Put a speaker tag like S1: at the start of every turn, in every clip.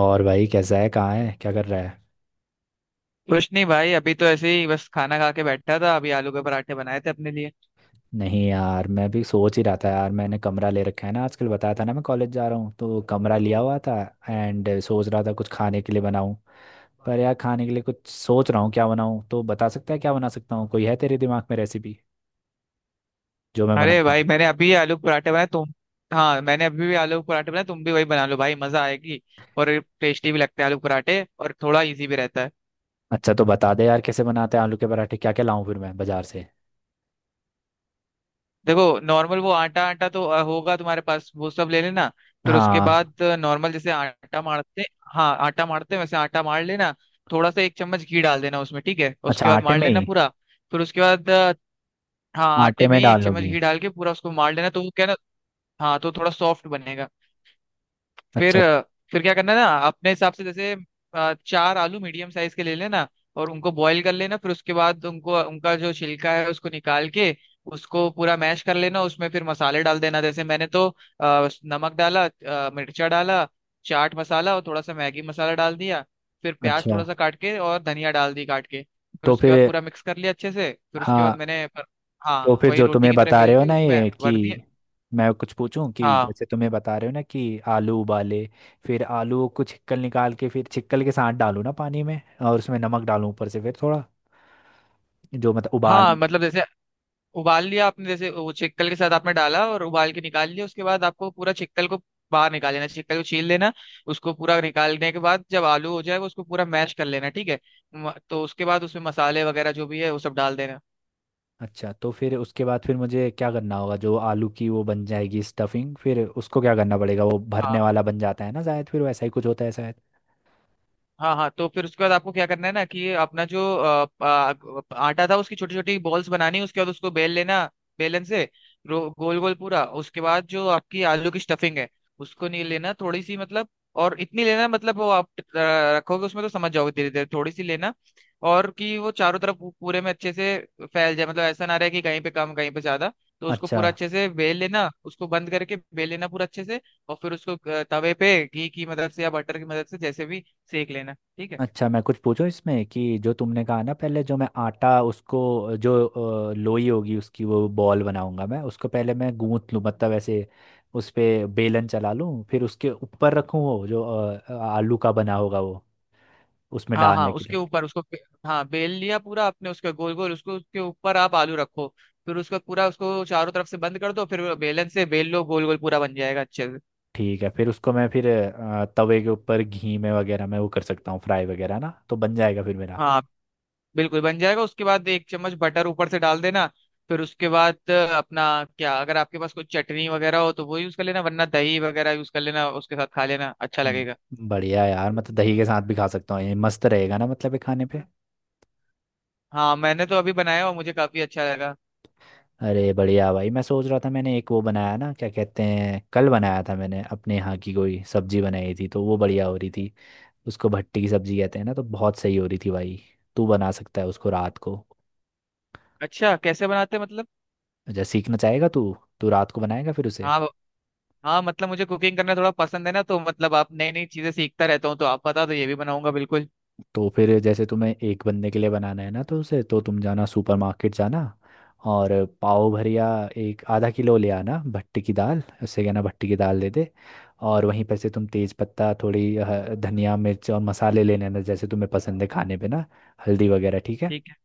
S1: और भाई, कैसा है? कहाँ है? क्या कर रहा है?
S2: कुछ नहीं भाई। अभी तो ऐसे ही बस खाना खा के बैठा था। अभी आलू के पराठे बनाए थे अपने लिए।
S1: नहीं यार, मैं भी सोच ही रहा था। यार, मैंने कमरा ले रखा है ना, आजकल बताया था ना, मैं कॉलेज जा रहा हूँ तो कमरा लिया हुआ था। एंड सोच रहा था कुछ खाने के लिए बनाऊँ। पर यार, खाने के लिए कुछ सोच रहा हूँ क्या बनाऊँ, तो बता सकता है क्या बना सकता हूँ? कोई है तेरे दिमाग में रेसिपी जो मैं बना
S2: अरे
S1: पाऊँ?
S2: भाई, मैंने अभी आलू के पराठे बनाए तुम। हाँ, मैंने अभी भी आलू के पराठे बनाए, तुम भी वही बना लो भाई, मजा आएगी। और टेस्टी भी लगते हैं आलू के पराठे, और थोड़ा इजी भी रहता है।
S1: अच्छा, तो बता दे यार, कैसे बनाते हैं आलू के पराठे, क्या क्या लाऊं फिर मैं बाजार से।
S2: देखो, नॉर्मल वो आटा आटा तो होगा तुम्हारे पास, वो सब ले लेना। फिर उसके
S1: हाँ।
S2: बाद नॉर्मल जैसे आटा मारते। हाँ, आटा मारते हैं, वैसे आटा मार लेना। थोड़ा सा एक चम्मच घी डाल देना उसमें, ठीक है।
S1: अच्छा,
S2: उसके बाद
S1: आटे
S2: मार
S1: में ही?
S2: लेना पूरा। फिर उसके बाद हाँ,
S1: आटे
S2: आटे में
S1: में
S2: ही
S1: डाल
S2: एक चम्मच
S1: लोगी?
S2: घी डाल के पूरा उसको मार लेना, तो वो क्या है ना, हाँ, तो थोड़ा सॉफ्ट बनेगा। फिर
S1: अच्छा।
S2: फिर क्या करना है ना, अपने हिसाब से। जैसे चार आलू मीडियम साइज के ले लेना, और उनको बॉईल कर लेना। फिर उसके बाद उनको उनका जो छिलका है उसको निकाल के उसको पूरा मैश कर लेना। उसमें फिर मसाले डाल देना, जैसे मैंने तो नमक डाला, मिर्चा डाला, चाट मसाला और थोड़ा सा मैगी मसाला डाल दिया। फिर प्याज
S1: अच्छा।
S2: थोड़ा सा काट के और धनिया डाल दी काट के, फिर
S1: तो
S2: उसके बाद
S1: फिर?
S2: पूरा मिक्स कर लिया अच्छे से। फिर उसके बाद
S1: हाँ।
S2: मैंने,
S1: तो
S2: हाँ,
S1: फिर
S2: वही
S1: जो
S2: रोटी
S1: तुम्हें
S2: की तरह
S1: बता रहे
S2: बेल
S1: हो
S2: के
S1: ना
S2: उसमें
S1: ये कि,
S2: भर दिया।
S1: मैं कुछ पूछूं कि
S2: हाँ
S1: जैसे तुम्हें बता रहे हो ना कि आलू उबाले, फिर आलू को छिकल निकाल के, फिर छिकल के साथ डालूं ना पानी में, और उसमें नमक डालूं ऊपर से, फिर थोड़ा, जो मतलब उबाल।
S2: हाँ, मतलब जैसे उबाल लिया आपने, जैसे वो चिक्कल के साथ आपने डाला और उबाल के निकाल लिया, उसके बाद आपको पूरा चिक्कल को बाहर निकाल लेना, चिक्कल को छील लेना। उसको पूरा निकालने के बाद जब आलू हो जाए वो, उसको पूरा मैश कर लेना, ठीक है। तो उसके बाद उसमें मसाले वगैरह जो भी है वो सब डाल देना।
S1: अच्छा, तो फिर उसके बाद फिर मुझे क्या करना होगा? जो आलू की वो बन जाएगी स्टफिंग, फिर उसको क्या करना पड़ेगा? वो
S2: हाँ
S1: भरने वाला बन जाता है ना शायद, फिर वैसा ही कुछ होता है शायद।
S2: हाँ। हाँ, तो फिर उसके बाद आपको क्या करना है ना, कि ये अपना जो आटा था, उसकी छोटी छोटी बॉल्स बनानी। उसके बाद उसको बेल लेना बेलन से, गोल गोल पूरा। उसके बाद जो आपकी आलू की स्टफिंग है, उसको नहीं लेना थोड़ी सी मतलब, और इतनी लेना मतलब वो आप रखोगे उसमें तो समझ जाओगे धीरे धीरे, थोड़ी सी लेना। और कि वो चारों तरफ पूरे में अच्छे से फैल जाए, मतलब ऐसा ना रहे कि कहीं पे कम कहीं पे ज्यादा। तो उसको
S1: अच्छा।
S2: पूरा अच्छे से बेल लेना, उसको बंद करके बेल लेना पूरा अच्छे से। और फिर उसको तवे पे घी की मदद से या बटर की मदद से जैसे भी सेक लेना, ठीक है।
S1: अच्छा, मैं कुछ पूछूं इसमें कि जो तुमने कहा ना पहले, जो मैं आटा उसको जो लोई होगी उसकी वो बॉल बनाऊंगा, मैं उसको पहले मैं गूंथ लूं, मतलब ऐसे उस पे बेलन चला लूं, फिर उसके ऊपर रखूं वो जो आलू का बना होगा वो, उसमें
S2: हाँ हाँ,
S1: डालने के
S2: उसके
S1: लिए।
S2: ऊपर उसको हाँ, बेल लिया पूरा आपने उसके गोल गोल, उसको उसके ऊपर आप आलू रखो। फिर उसका पूरा उसको चारों तरफ से बंद कर दो, फिर बेलन से बेल लो गोल गोल, पूरा बन जाएगा अच्छे से।
S1: ठीक है, फिर उसको मैं फिर तवे के ऊपर घी में वगैरह मैं वो कर सकता हूँ फ्राई वगैरह ना, तो बन जाएगा फिर मेरा।
S2: हाँ, बिल्कुल बन जाएगा। उसके बाद एक चम्मच बटर ऊपर से डाल देना। फिर उसके बाद अपना क्या, अगर आपके पास कोई चटनी वगैरह हो तो वो यूज कर लेना, वरना दही वगैरह यूज कर लेना उसके साथ, खा लेना अच्छा लगेगा।
S1: बढ़िया यार, मतलब दही के साथ भी खा सकता हूँ, ये मस्त रहेगा ना, मतलब ये खाने पे।
S2: हाँ, मैंने तो अभी बनाया और मुझे काफी अच्छा लगा।
S1: अरे बढ़िया भाई, मैं सोच रहा था मैंने एक वो बनाया ना, क्या कहते हैं, कल बनाया था मैंने, अपने यहाँ की कोई सब्जी बनाई थी, तो वो बढ़िया हो रही थी। उसको भट्टी की सब्जी कहते हैं ना, तो बहुत सही हो रही थी भाई। तू बना सकता है उसको रात को?
S2: अच्छा, कैसे बनाते हैं मतलब।
S1: अच्छा, सीखना चाहेगा तू तू रात को बनाएगा फिर उसे?
S2: हाँ हाँ, मतलब मुझे कुकिंग करना थोड़ा पसंद है ना, तो मतलब आप नई नई चीजें सीखता रहता हूँ, तो आप बता दो, ये भी बनाऊंगा बिल्कुल।
S1: तो फिर जैसे तुम्हें एक बंदे के लिए बनाना है ना, तो उसे तो तुम जाना सुपरमार्केट जाना, और पाव भरिया, एक आधा किलो ले आना भट्टी की दाल, उससे कहना भट्टी की दाल दे दे। और वहीं पर से तुम तेज पत्ता, थोड़ी धनिया मिर्च और मसाले ले लेना जैसे तुम्हें पसंद है खाने पे ना, हल्दी वगैरह, ठीक है।
S2: ठीक है।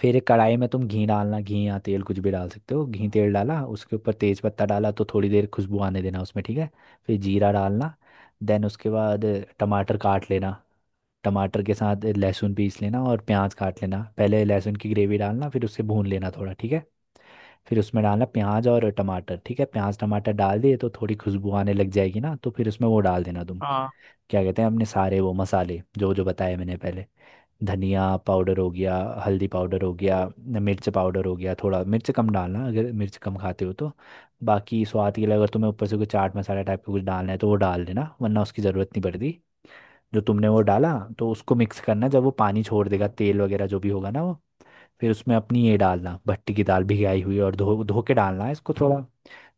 S1: फिर एक कढ़ाई में तुम घी डालना, घी या तेल कुछ भी डाल सकते हो। घी तेल डाला, उसके ऊपर तेज पत्ता डाला, तो थोड़ी देर खुशबू आने देना उसमें, ठीक है। फिर जीरा डालना। देन उसके बाद टमाटर काट लेना। टमाटर के साथ लहसुन पीस लेना और प्याज काट लेना। पहले लहसुन की ग्रेवी डालना, फिर उससे भून लेना थोड़ा, ठीक है। फिर उसमें डालना प्याज और टमाटर, ठीक है। प्याज टमाटर डाल दिए तो थोड़ी खुशबू आने लग जाएगी ना, तो फिर उसमें वो डाल देना तुम,
S2: हाँ।
S1: क्या कहते हैं, अपने सारे वो मसाले जो जो बताए मैंने पहले। धनिया पाउडर हो गया, हल्दी पाउडर हो गया, मिर्च पाउडर हो गया। थोड़ा मिर्च कम डालना अगर मिर्च कम खाते हो तो, बाकी स्वाद के लिए, अगर तुम्हें ऊपर से कोई चाट मसाला टाइप का कुछ डालना है तो वो डाल देना, वरना उसकी ज़रूरत नहीं पड़ती। जो तुमने वो डाला, तो उसको मिक्स करना, जब वो पानी छोड़ देगा, तेल वगैरह जो भी होगा ना वो, फिर उसमें अपनी ये डालना भट्टी की दाल, भिगाई हुई और धो धो के डालना है इसको, थोड़ा।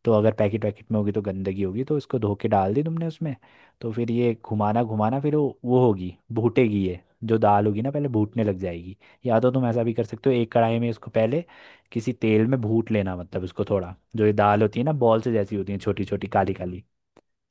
S1: तो अगर पैकेट वैकेट में होगी तो गंदगी होगी, तो इसको धो के डाल दी तुमने उसमें। तो फिर ये घुमाना घुमाना, फिर वो होगी भूटेगी, ये जो दाल होगी ना पहले भूटने लग जाएगी। या तो तुम ऐसा भी कर सकते हो, एक कढ़ाई में इसको पहले किसी तेल में भूट लेना, मतलब इसको थोड़ा, जो ये दाल होती है ना बॉल से जैसी होती है, छोटी छोटी, काली काली,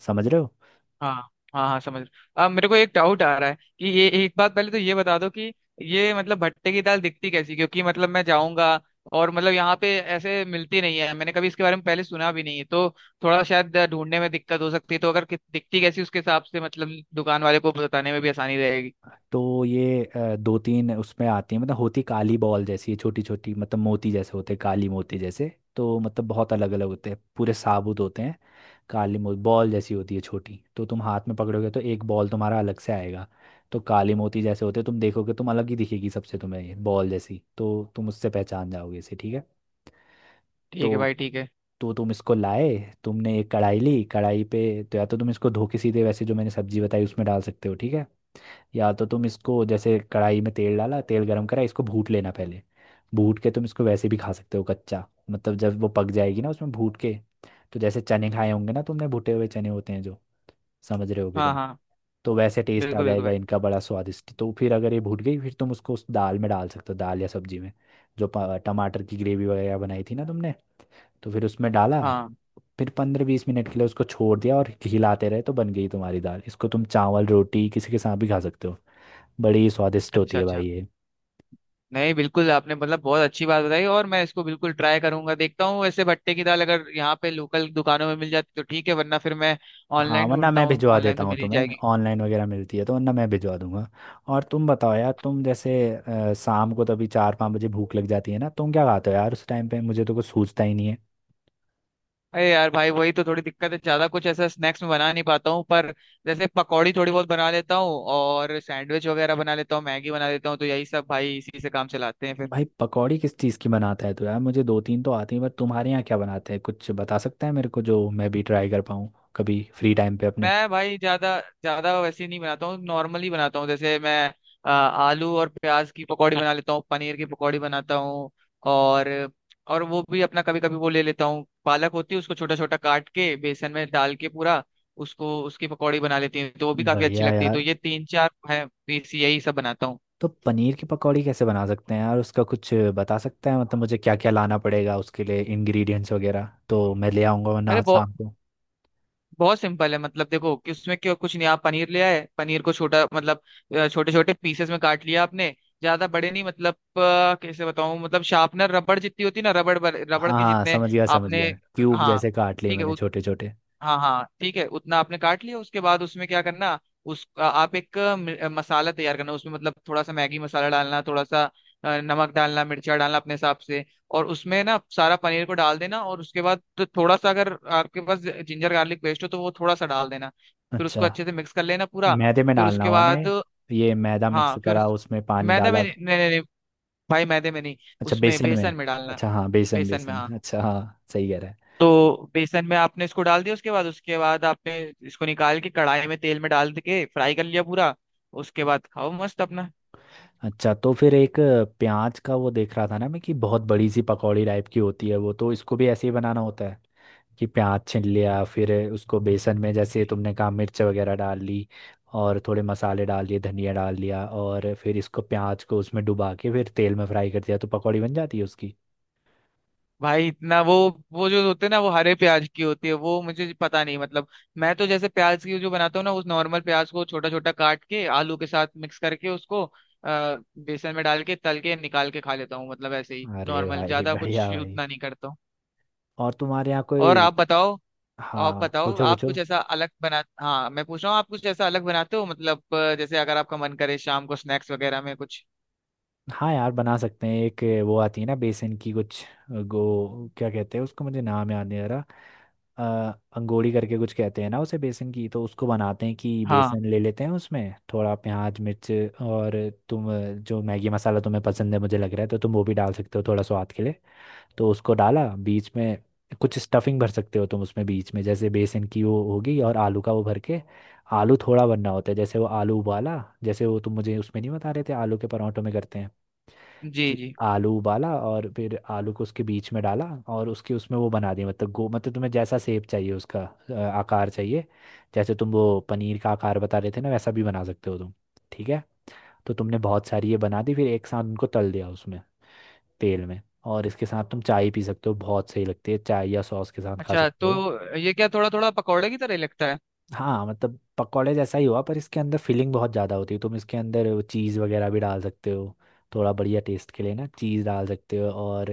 S1: समझ रहे हो?
S2: हाँ हाँ, हाँ समझ रहा हूँ। अब मेरे को एक डाउट आ रहा है कि ये, एक बात पहले तो ये बता दो कि ये मतलब भट्टे की दाल दिखती कैसी, क्योंकि मतलब मैं जाऊंगा और मतलब यहाँ पे ऐसे मिलती नहीं है, मैंने कभी इसके बारे में पहले सुना भी नहीं है, तो थोड़ा शायद ढूंढने में दिक्कत हो सकती है। तो अगर दिखती कैसी उसके हिसाब से, मतलब दुकान वाले को बताने में भी आसानी रहेगी।
S1: तो ये 2-3 उसमें आती है, मतलब होती काली बॉल जैसी छोटी छोटी, मतलब मोती जैसे होते हैं, काली मोती जैसे, तो मतलब बहुत अलग अलग होते हैं, पूरे साबुत होते हैं। काली मोती बॉल जैसी होती है छोटी, तो तुम हाथ में पकड़ोगे तो एक बॉल तुम्हारा अलग से आएगा। तो काली मोती जैसे होते हैं, तुम देखोगे, तुम अलग ही दिखेगी सबसे, तुम्हें ये बॉल जैसी, तो तुम उससे पहचान जाओगे इसे, ठीक है।
S2: ठीक है
S1: तो
S2: भाई, ठीक है।
S1: तो तुम इसको लाए, तुमने एक कढ़ाई ली, कढ़ाई पे, तो या तो तुम इसको धो के सीधे वैसे जो मैंने सब्जी बताई उसमें डाल सकते हो, ठीक है। या तो तुम इसको जैसे कढ़ाई में तेल डाला, तेल गरम करा, इसको भूट लेना पहले। भूट के तुम इसको वैसे भी खा सकते हो कच्चा, मतलब जब वो पक जाएगी ना, उसमें भूट के, तो जैसे चने खाए होंगे ना तुमने, भुटे हुए चने होते हैं जो, समझ रहे होगे
S2: हाँ
S1: तुम।
S2: हाँ।
S1: तो वैसे टेस्ट आ
S2: बिल्कुल बिल्कुल
S1: जाएगा
S2: भाई।
S1: इनका बड़ा स्वादिष्ट। तो फिर अगर ये भूट गई, फिर तुम उसको उस दाल में डाल सकते हो, दाल या सब्जी में, जो टमाटर की ग्रेवी वगैरह बनाई थी ना तुमने, तो फिर उसमें डाला।
S2: हाँ।
S1: फिर 15-20 मिनट के लिए उसको छोड़ दिया और हिलाते रहे, तो बन गई तुम्हारी दाल। इसको तुम चावल रोटी किसी के साथ भी खा सकते हो, बड़ी स्वादिष्ट होती
S2: अच्छा
S1: है
S2: अच्छा।
S1: भाई ये।
S2: नहीं, बिल्कुल, आपने मतलब बहुत अच्छी बात बताई और मैं इसको बिल्कुल ट्राई करूंगा। देखता हूँ वैसे, भट्टे की दाल अगर यहाँ पे लोकल दुकानों में मिल जाती तो ठीक है, वरना फिर मैं
S1: हाँ,
S2: ऑनलाइन
S1: वरना
S2: ढूंढता
S1: मैं
S2: हूँ,
S1: भिजवा
S2: ऑनलाइन
S1: देता
S2: तो
S1: हूँ
S2: मिल ही
S1: तुम्हें,
S2: जाएगी।
S1: ऑनलाइन वगैरह मिलती है तो, वरना मैं भिजवा दूंगा। और तुम बताओ यार, तुम जैसे शाम को, तो अभी 4-5 बजे भूख लग जाती है ना, तुम क्या खाते हो यार उस टाइम पे? मुझे तो कुछ सूझता ही नहीं है।
S2: अरे यार भाई, वही तो थोड़ी दिक्कत है, ज्यादा कुछ ऐसा स्नैक्स में बना नहीं पाता हूँ, पर जैसे पकौड़ी थोड़ी बहुत बना लेता हूँ और सैंडविच वगैरह बना लेता हूँ, मैगी बना लेता हूँ, तो यही सब भाई, इसी से काम चलाते हैं फिर।
S1: भाई पकौड़ी किस चीज़ की बनाता है? तो यार मुझे 2-3 तो आती है, पर तुम्हारे यहाँ क्या बनाते हैं, कुछ बता सकता है मेरे को, जो मैं भी ट्राई कर पाऊँ कभी फ्री टाइम पे अपने।
S2: मैं भाई ज्यादा ज्यादा वैसे नहीं बनाता हूँ, नॉर्मली बनाता हूँ, जैसे मैं आलू और प्याज की पकौड़ी बना लेता हूँ, पनीर की पकौड़ी बनाता हूँ। और और वो भी अपना कभी कभी वो ले लेता हूँ, पालक होती है, उसको छोटा छोटा काट के बेसन में डाल के पूरा उसको, उसकी पकौड़ी बना लेती हूँ, तो वो भी काफी अच्छी
S1: बढ़िया
S2: लगती है, तो
S1: यार।
S2: ये तीन चार है बेसी, यही सब बनाता हूँ।
S1: तो पनीर की पकौड़ी कैसे बना सकते हैं यार, उसका कुछ बता सकते हैं? मतलब मुझे क्या क्या लाना पड़ेगा उसके लिए, इंग्रेडिएंट्स वगैरह तो मैं ले आऊँगा, वरना
S2: अरे
S1: आज शाम को।
S2: बहुत सिंपल है, मतलब देखो कि उसमें क्यों कुछ नहीं, आप पनीर ले आए, पनीर को छोटा मतलब छोटे छोटे पीसेस में काट लिया आपने, ज्यादा बड़े नहीं, मतलब कैसे बताऊं, मतलब शार्पनर रबड़ जितनी होती है ना, रबड़ रबड़
S1: हाँ
S2: के
S1: हाँ,
S2: जितने
S1: समझ गया समझ
S2: आपने,
S1: गया, क्यूब
S2: हाँ,
S1: जैसे काट लिए
S2: ठीक है,
S1: मैंने छोटे छोटे।
S2: हाँ हाँ ठीक है, उतना आपने काट लिया। उसके बाद उसमें क्या करना, उस आप एक मसाला तैयार करना, उसमें मतलब थोड़ा सा मैगी मसाला डालना, थोड़ा सा नमक डालना, मिर्चा डालना अपने हिसाब से। और उसमें ना सारा पनीर को डाल देना, और उसके बाद तो थोड़ा सा अगर आपके पास जिंजर गार्लिक पेस्ट हो तो वो थोड़ा सा डाल देना। फिर
S1: अच्छा,
S2: उसको अच्छे से मिक्स कर लेना पूरा।
S1: मैदे में
S2: फिर
S1: डालना
S2: उसके
S1: हुआ ना
S2: बाद
S1: ये मैदा मिक्स
S2: हाँ, फिर
S1: करा, उसमें पानी
S2: मैदे में,
S1: डाला।
S2: नहीं नहीं नहीं नहीं, भाई मैदे में नहीं,
S1: अच्छा,
S2: उसमें
S1: बेसन में।
S2: बेसन में डालना,
S1: अच्छा हाँ, बेसन
S2: बेसन में,
S1: बेसन,
S2: हाँ।
S1: अच्छा हाँ सही कह रहा है।
S2: तो बेसन में आपने इसको डाल दिया, उसके बाद आपने इसको निकाल के कढ़ाई में तेल में डाल के फ्राई कर लिया पूरा। उसके बाद खाओ मस्त अपना।
S1: अच्छा, तो फिर एक प्याज का वो देख रहा था ना मैं, कि बहुत बड़ी सी पकौड़ी टाइप की होती है वो, तो इसको भी ऐसे ही बनाना होता है, कि प्याज छील लिया, फिर उसको बेसन में जैसे तुमने कहा मिर्च वगैरह डाल ली, और थोड़े मसाले डाल लिए, धनिया डाल लिया, और फिर इसको प्याज को उसमें डुबा के फिर तेल में फ्राई कर दिया, तो पकौड़ी बन जाती है उसकी।
S2: भाई इतना वो जो होते हैं ना, वो हरे प्याज की होती है, वो मुझे पता नहीं मतलब। मैं तो जैसे प्याज की जो बनाता हूँ ना, उस नॉर्मल प्याज को छोटा छोटा काट के आलू के साथ मिक्स करके उसको बेसन में डाल के तल के निकाल के खा लेता हूँ, मतलब ऐसे ही
S1: अरे
S2: नॉर्मल,
S1: भाई
S2: ज्यादा कुछ
S1: बढ़िया भाई।
S2: उतना नहीं करता हूँ।
S1: और तुम्हारे यहाँ
S2: और
S1: कोई,
S2: आप बताओ आप
S1: हाँ
S2: बताओ
S1: पूछो
S2: आप कुछ
S1: पूछो।
S2: ऐसा अलग बना, हाँ मैं पूछ रहा हूँ, आप कुछ ऐसा अलग बनाते हो मतलब जैसे अगर आपका मन करे शाम को स्नैक्स वगैरह में कुछ।
S1: हाँ यार बना सकते हैं, एक वो आती है ना बेसन की कुछ, गो, क्या कहते हैं उसको, मुझे नाम याद नहीं आ रहा, अंगोड़ी करके कुछ कहते हैं ना उसे, बेसन की। तो उसको बनाते हैं कि
S2: हाँ।
S1: बेसन ले लेते हैं, उसमें थोड़ा प्याज मिर्च, और तुम जो मैगी मसाला तुम्हें पसंद है मुझे लग रहा है, तो तुम वो भी डाल सकते हो थोड़ा स्वाद के लिए। तो उसको डाला बीच में, कुछ स्टफिंग भर सकते हो तुम उसमें बीच में, जैसे बेसन की वो होगी और आलू का वो भर के, आलू थोड़ा भरना होता है, जैसे वो आलू उबाला, जैसे वो तुम मुझे उसमें नहीं बता रहे थे आलू के परांठों में करते हैं
S2: जी
S1: कि
S2: जी।
S1: आलू उबाला और फिर आलू को उसके बीच में डाला, और उसके उसमें वो बना दिया, मतलब गो, मतलब तुम्हें जैसा शेप चाहिए उसका, आकार चाहिए, जैसे तुम वो पनीर का आकार बता रहे थे ना, वैसा भी बना सकते हो तुम, ठीक है। तो तुमने बहुत सारी ये बना दी, फिर एक साथ उनको तल दिया उसमें, तेल में, और इसके साथ तुम चाय पी सकते हो, बहुत सही लगती है चाय, या सॉस के साथ खा
S2: अच्छा,
S1: सकते हो।
S2: तो ये क्या थोड़ा थोड़ा पकौड़े की तरह लगता है।
S1: हाँ, मतलब पकौड़े जैसा ही हुआ, पर इसके अंदर फिलिंग बहुत ज़्यादा होती है, तुम इसके अंदर चीज़ वगैरह भी डाल सकते हो थोड़ा बढ़िया टेस्ट के लिए ना, चीज़ डाल सकते हो, और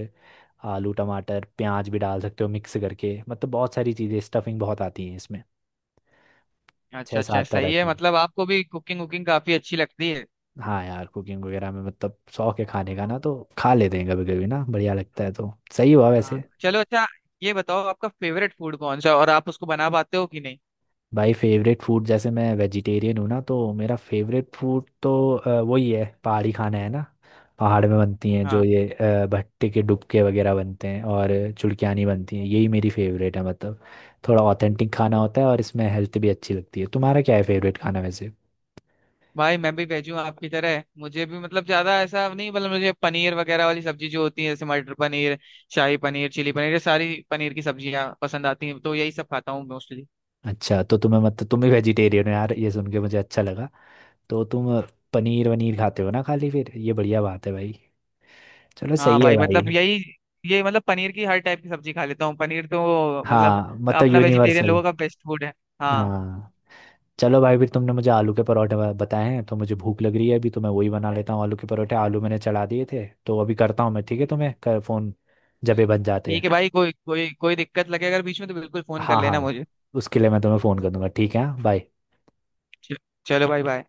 S1: आलू टमाटर प्याज भी डाल सकते हो मिक्स करके, मतलब बहुत सारी चीज़ें, स्टफिंग बहुत आती है इसमें, छः
S2: अच्छा अच्छा,
S1: सात तरह
S2: सही है।
S1: अच्छा की।
S2: मतलब आपको भी कुकिंग वुकिंग काफी अच्छी लगती है।
S1: हाँ यार, कुकिंग वगैरह में मतलब शौक है खाने का ना, तो खा लेते हैं कभी कभी ना, बढ़िया लगता है, तो सही हुआ
S2: हाँ
S1: वैसे।
S2: चलो अच्छा। ये बताओ आपका फेवरेट फूड कौन सा है और आप उसको बना पाते हो कि नहीं।
S1: भाई फेवरेट फूड, जैसे मैं वेजिटेरियन हूँ ना, तो मेरा फेवरेट फूड तो वही है, पहाड़ी खाना है ना। पहाड़ में बनती हैं जो
S2: हाँ
S1: ये भट्टे के डुबके वगैरह बनते हैं, और चुड़कियानी बनती हैं, यही मेरी फेवरेट है, मतलब थोड़ा ऑथेंटिक खाना होता है और इसमें हेल्थ भी अच्छी लगती है। तुम्हारा क्या है फेवरेट खाना वैसे?
S2: भाई, मैं भी भेजूँ आपकी तरह, मुझे भी मतलब ज्यादा ऐसा नहीं, मतलब मुझे पनीर वगैरह वाली सब्जी जो होती है, जैसे मटर पनीर, शाही पनीर, चिली पनीर, ये सारी पनीर की सब्जियां पसंद आती हैं, तो यही सब खाता हूँ मोस्टली।
S1: अच्छा, तो तुम्हें मतलब तुम भी वेजिटेरियन हो यार, ये सुन के मुझे अच्छा लगा। तो तुम पनीर वनीर खाते हो ना खाली फिर, ये बढ़िया बात है भाई, चलो
S2: हाँ
S1: सही है
S2: भाई
S1: भाई।
S2: मतलब यही, ये मतलब पनीर की हर टाइप की सब्जी खा लेता हूँ, पनीर तो मतलब
S1: हाँ, मतलब
S2: अपना वेजिटेरियन
S1: यूनिवर्सल।
S2: लोगों का बेस्ट फूड है। हाँ
S1: हाँ। चलो भाई, फिर तुमने मुझे आलू के परोठे बताए हैं, तो मुझे भूख लग रही है, अभी तो मैं वही बना लेता हूँ आलू के परोठे, आलू मैंने चढ़ा दिए थे तो अभी करता हूँ मैं, ठीक है, तुम्हें फोन जब ये बन जाते हैं।
S2: ठीक है भाई, कोई कोई कोई दिक्कत लगे अगर बीच में तो बिल्कुल फोन कर
S1: हाँ
S2: लेना
S1: हाँ,
S2: मुझे।
S1: उसके लिए मैं तुम्हें फोन कर दूंगा, ठीक है। हाँ, बाय।
S2: चलो भाई, बाय।